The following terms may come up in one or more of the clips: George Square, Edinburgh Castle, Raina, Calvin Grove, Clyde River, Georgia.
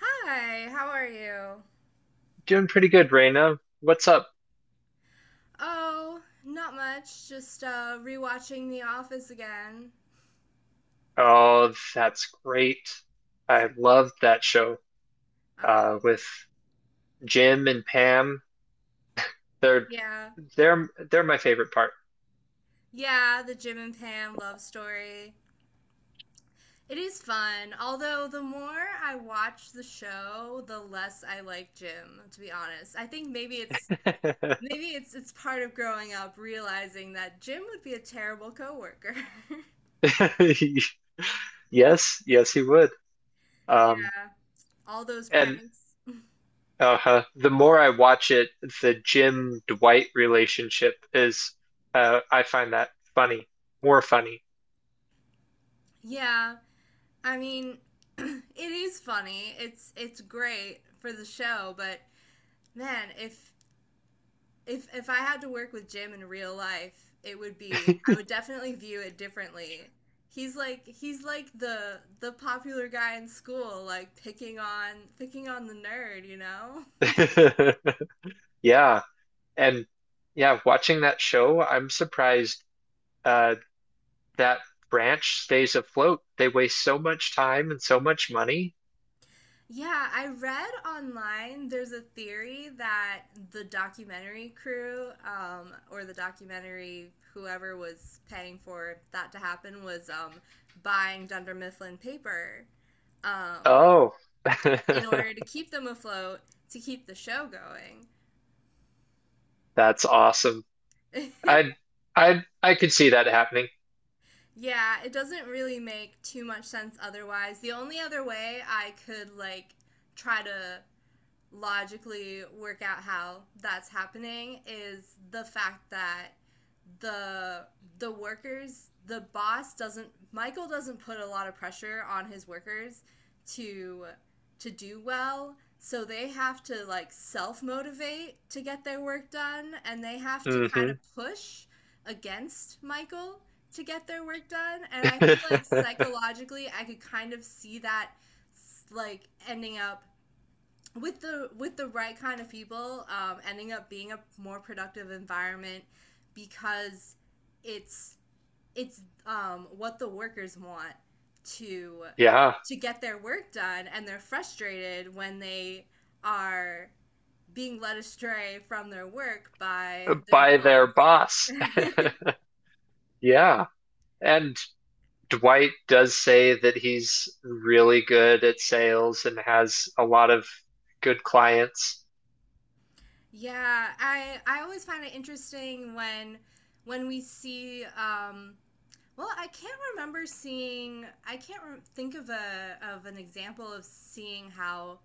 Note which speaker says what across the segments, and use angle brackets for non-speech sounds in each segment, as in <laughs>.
Speaker 1: Hi, how are you?
Speaker 2: Doing pretty good, Raina. What's up?
Speaker 1: Oh, not much. Just rewatching The Office again.
Speaker 2: Oh, that's great. I love that show
Speaker 1: Um,
Speaker 2: with Jim and Pam. They're
Speaker 1: yeah.
Speaker 2: they're my favorite part.
Speaker 1: Yeah, the Jim and Pam love story. It is fun, although the more I watch the show, the less I like Jim, to be honest. I think maybe it's part of growing up realizing that Jim would be a terrible coworker. <laughs>
Speaker 2: <laughs> Yes, yes, he would. Um,
Speaker 1: Yeah, all those
Speaker 2: and
Speaker 1: pranks.
Speaker 2: uh, the more I watch it, the Jim Dwight relationship is I find that funny, more funny.
Speaker 1: Yeah. I mean, <clears throat> it is funny. It's great for the show, but man, if I had to work with Jim in real life, it would be I would definitely view it differently. He's like the popular guy in school, like picking on the nerd? <laughs>
Speaker 2: <laughs> Yeah, and yeah, watching that show, I'm surprised uh that branch stays afloat. They waste so much time and so much money.
Speaker 1: Yeah, I read online there's a theory that the documentary crew or the documentary whoever was paying for that to happen was buying Dunder Mifflin paper um,
Speaker 2: Oh, <laughs>
Speaker 1: in order to keep them afloat to keep the show going.
Speaker 2: that's awesome. I I could see that happening.
Speaker 1: <laughs> Yeah, it doesn't really make too much sense otherwise. The only other way I could like try to logically work out how that's happening is the fact that the the workers the boss doesn't Michael doesn't put a lot of pressure on his workers to to do well, so they have to like self motivate to get their work done, and they have to kind
Speaker 2: Hmm
Speaker 1: of push against Michael to get their work done. And I feel like
Speaker 2: <laughs>
Speaker 1: psychologically I could kind of see that like ending up with the right kind of people ending up being a more productive environment because it's it's what the workers want to
Speaker 2: Yeah,
Speaker 1: to get their work done, and they're frustrated when they are being led astray from their work by their
Speaker 2: by their
Speaker 1: boss.
Speaker 2: boss. <laughs> Yeah. And Dwight does say that he's really good at sales and has a lot of good clients.
Speaker 1: Yeah, I always find it interesting when we see well, I can't remember seeing. I can't think of a of an example of seeing how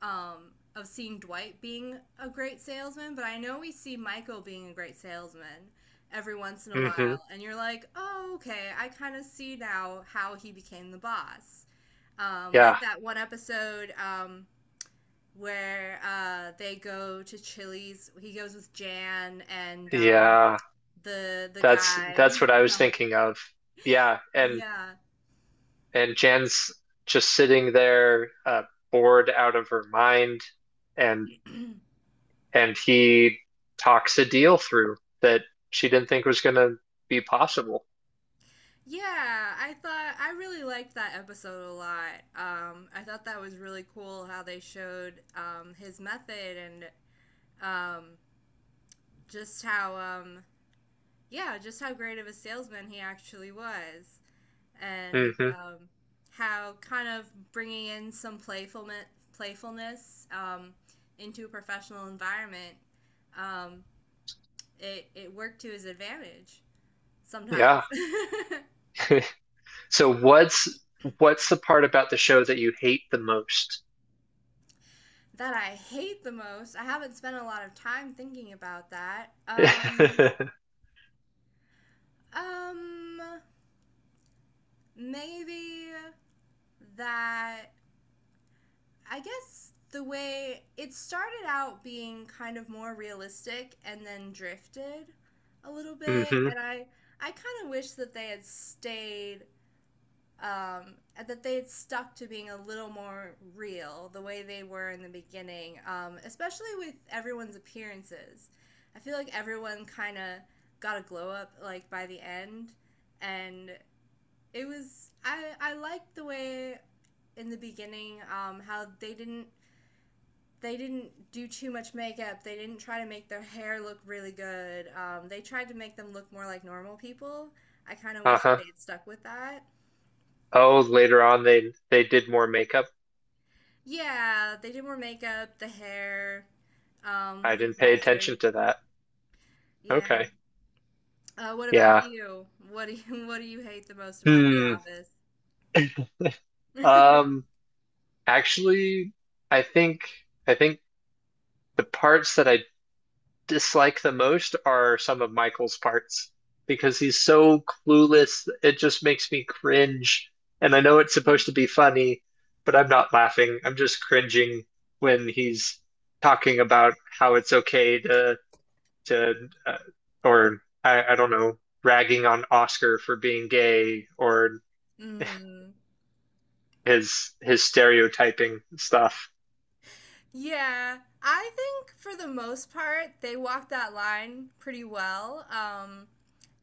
Speaker 1: of seeing Dwight being a great salesman, but I know we see Michael being a great salesman every once in a
Speaker 2: Hmm
Speaker 1: while, and you're like, oh, okay, I kind of see now how he became the boss.
Speaker 2: Yeah.
Speaker 1: Like that one episode where they go to Chili's. He goes with Jan and
Speaker 2: Yeah.
Speaker 1: the
Speaker 2: That's
Speaker 1: guy.
Speaker 2: that's what I was thinking of. Yeah,
Speaker 1: <laughs>
Speaker 2: and
Speaker 1: Yeah.
Speaker 2: and Jan's just sitting there, bored out of her mind, and and he talks a deal through that she didn't think was going to be possible.
Speaker 1: Yeah, I thought I really liked that episode a lot. I thought that was really cool how they showed his method and um, just how yeah, just how great of a salesman he actually was, and
Speaker 2: Mm-hmm.
Speaker 1: how kind of bringing in some playfulness into a professional environment, um, it worked to his advantage
Speaker 2: Yeah.
Speaker 1: sometimes. <laughs>
Speaker 2: <laughs> So what's the part about the show that you hate the most?
Speaker 1: That I hate the most. I haven't spent a lot of time thinking about that.
Speaker 2: <laughs> Mm-hmm.
Speaker 1: Um, maybe that I guess the way it started out being kind of more realistic and then drifted a little bit, and I kind of wish that they had stayed um, that they had stuck to being a little more real the way they were in the beginning, especially with everyone's appearances. I feel like everyone kind of got a glow up like by the end, and it was I liked the way in the beginning how they didn't do too much makeup. They didn't try to make their hair look really good. They tried to make them look more like normal people. I kind of
Speaker 2: Uh
Speaker 1: wish that
Speaker 2: huh.
Speaker 1: they had stuck with that.
Speaker 2: Oh, later on they did more makeup.
Speaker 1: Yeah, they did more makeup, the hair,
Speaker 2: I
Speaker 1: looked
Speaker 2: didn't pay
Speaker 1: nicer.
Speaker 2: attention to that.
Speaker 1: Yeah.
Speaker 2: Okay.
Speaker 1: What about
Speaker 2: Yeah.
Speaker 1: you? What do you <laughs> what do you hate the most about The
Speaker 2: Hmm.
Speaker 1: Office?
Speaker 2: <laughs>
Speaker 1: <laughs>
Speaker 2: um. Actually, I think I think the parts that I dislike the most are some of Michael's parts because he's so clueless. It just makes me cringe. And I know it's supposed to be funny, but I'm not laughing. I'm just cringing when he's talking about how it's okay to to uh, or I don't know, ragging on Oscar for being gay or
Speaker 1: Mm.
Speaker 2: his stereotyping stuff.
Speaker 1: Yeah, I think for the most part they walked that line pretty well.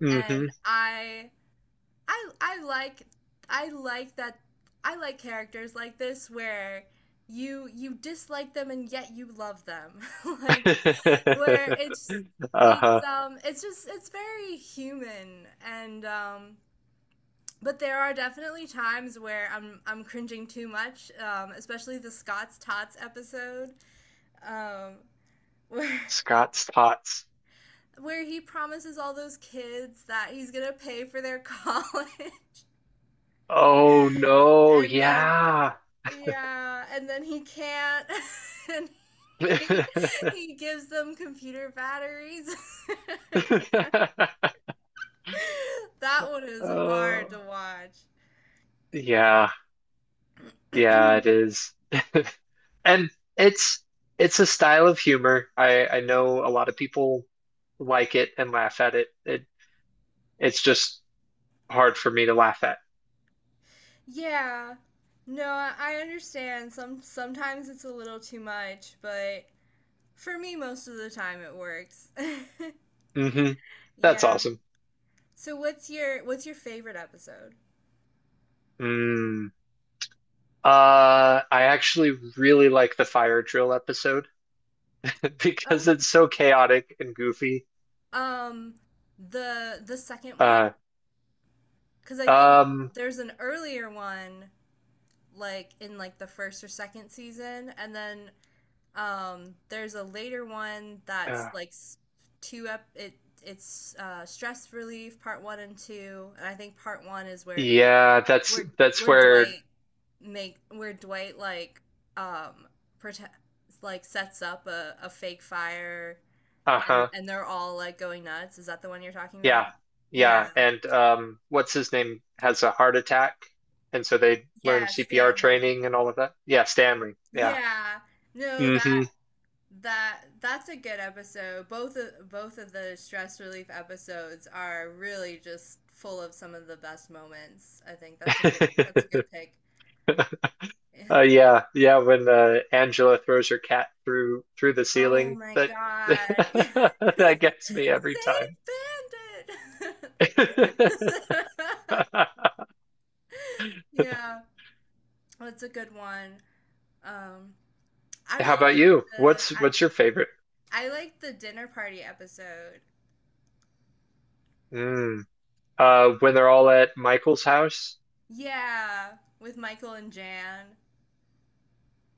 Speaker 2: Mm-hmm.
Speaker 1: And I I like I like that I like characters like this where you dislike them and yet you love them. <laughs> Like where
Speaker 2: <laughs>
Speaker 1: it's it's
Speaker 2: Uh-huh.
Speaker 1: um it's just it's very human, and but there are definitely times where I'm cringing too much, especially the Scott's Tots episode, um, <laughs> where
Speaker 2: Scott's thoughts.
Speaker 1: where he promises all those kids that he's gonna pay for their college,
Speaker 2: Oh
Speaker 1: <laughs>
Speaker 2: no,
Speaker 1: and then
Speaker 2: yeah.
Speaker 1: yeah, and then he can't, <laughs> and he
Speaker 2: <laughs>
Speaker 1: he gives them computer batteries. <laughs> That one is hard
Speaker 2: Oh,
Speaker 1: to watch.
Speaker 2: yeah, yeah, it is. <laughs> And it's a style of humor. I know a lot of people like it and laugh at it. It it's just hard for me to laugh at.
Speaker 1: Yeah. No, I understand. Some sometimes it's a little too much, but for me most of the time it works. <laughs>
Speaker 2: Hmm. That's
Speaker 1: Yeah.
Speaker 2: awesome.
Speaker 1: So what's your favorite episode?
Speaker 2: Mm. I actually really like the fire drill episode <laughs> because
Speaker 1: Oh.
Speaker 2: it's so chaotic and goofy.
Speaker 1: Um, the second one?
Speaker 2: Uh,
Speaker 1: 'Cause I think
Speaker 2: um,
Speaker 1: there's an earlier one like in like the first or second season, and then um, there's a later one
Speaker 2: uh,
Speaker 1: that's like two up. It it's stress relief part one and two, and I think part one is where
Speaker 2: Yeah,
Speaker 1: where
Speaker 2: that's
Speaker 1: where
Speaker 2: where
Speaker 1: Dwight make where Dwight like um protect like sets up a fake fire,
Speaker 2: uh-huh.
Speaker 1: and they're all like going nuts. Is that the one you're talking
Speaker 2: Yeah.
Speaker 1: about? Yeah.
Speaker 2: Yeah, and what's his name has a heart attack and so they learn
Speaker 1: Yeah,
Speaker 2: CPR
Speaker 1: Stanley.
Speaker 2: training and all of that. Yeah, Stanley. Yeah.
Speaker 1: Yeah. No, that
Speaker 2: Hmm.
Speaker 1: that's a good episode. Both of the stress relief episodes are really just full of some of the best moments. I think that's a good that's a
Speaker 2: <laughs>
Speaker 1: good pick. <laughs> Yeah.
Speaker 2: Yeah, yeah, when Angela throws her cat through the
Speaker 1: Oh
Speaker 2: ceiling,
Speaker 1: my
Speaker 2: that <laughs>
Speaker 1: god. <laughs>
Speaker 2: that gets me every time.
Speaker 1: Save Bandit.
Speaker 2: <laughs>
Speaker 1: <laughs> Yeah, that's a good one. Um, I
Speaker 2: How
Speaker 1: really
Speaker 2: about
Speaker 1: like
Speaker 2: you?
Speaker 1: the
Speaker 2: What's your favorite?
Speaker 1: I like the dinner party episode.
Speaker 2: Mm. Uh, when they're all at Michael's house.
Speaker 1: Yeah, with Michael and Jan.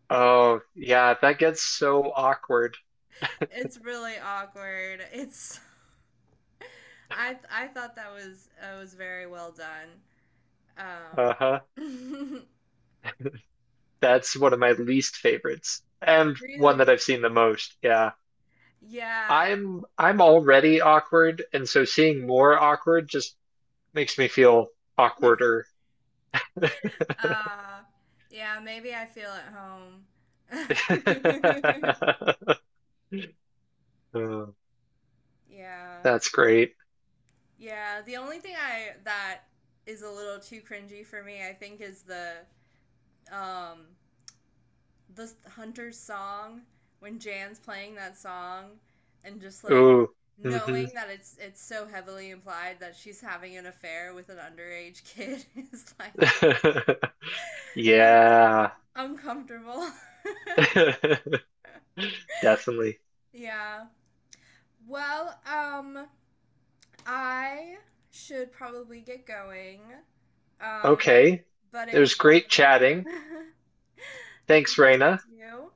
Speaker 2: Oh, yeah, that gets so awkward.
Speaker 1: It's really awkward. It's I thought that was very well done.
Speaker 2: Uh-huh.
Speaker 1: Um, <laughs>
Speaker 2: That's one of my least favorites and one that
Speaker 1: really,
Speaker 2: I've seen the most. Yeah.
Speaker 1: yeah,
Speaker 2: I'm already awkward, and so seeing more awkward just makes me feel awkwarder.
Speaker 1: uh, yeah. Maybe I feel at home. <laughs>
Speaker 2: <laughs> Oh,
Speaker 1: Yeah,
Speaker 2: that's great.
Speaker 1: yeah. The only thing I that is a little too cringy for me, I think, is um the hunter's song when Jan's playing that song and just like
Speaker 2: Ooh. Hmm.
Speaker 1: knowing that it's so heavily implied that she's having an affair with an underage kid <laughs> is like
Speaker 2: <laughs>
Speaker 1: uh,
Speaker 2: Yeah.
Speaker 1: uncomfortable.
Speaker 2: <laughs> Definitely.
Speaker 1: <laughs> Yeah. Well, I should probably get going. Um
Speaker 2: Okay.
Speaker 1: but
Speaker 2: It
Speaker 1: it
Speaker 2: was
Speaker 1: was
Speaker 2: great
Speaker 1: lovely. <laughs>
Speaker 2: chatting. Thanks,
Speaker 1: Good to talk
Speaker 2: Raina.
Speaker 1: to you.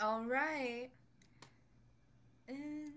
Speaker 1: All right. And-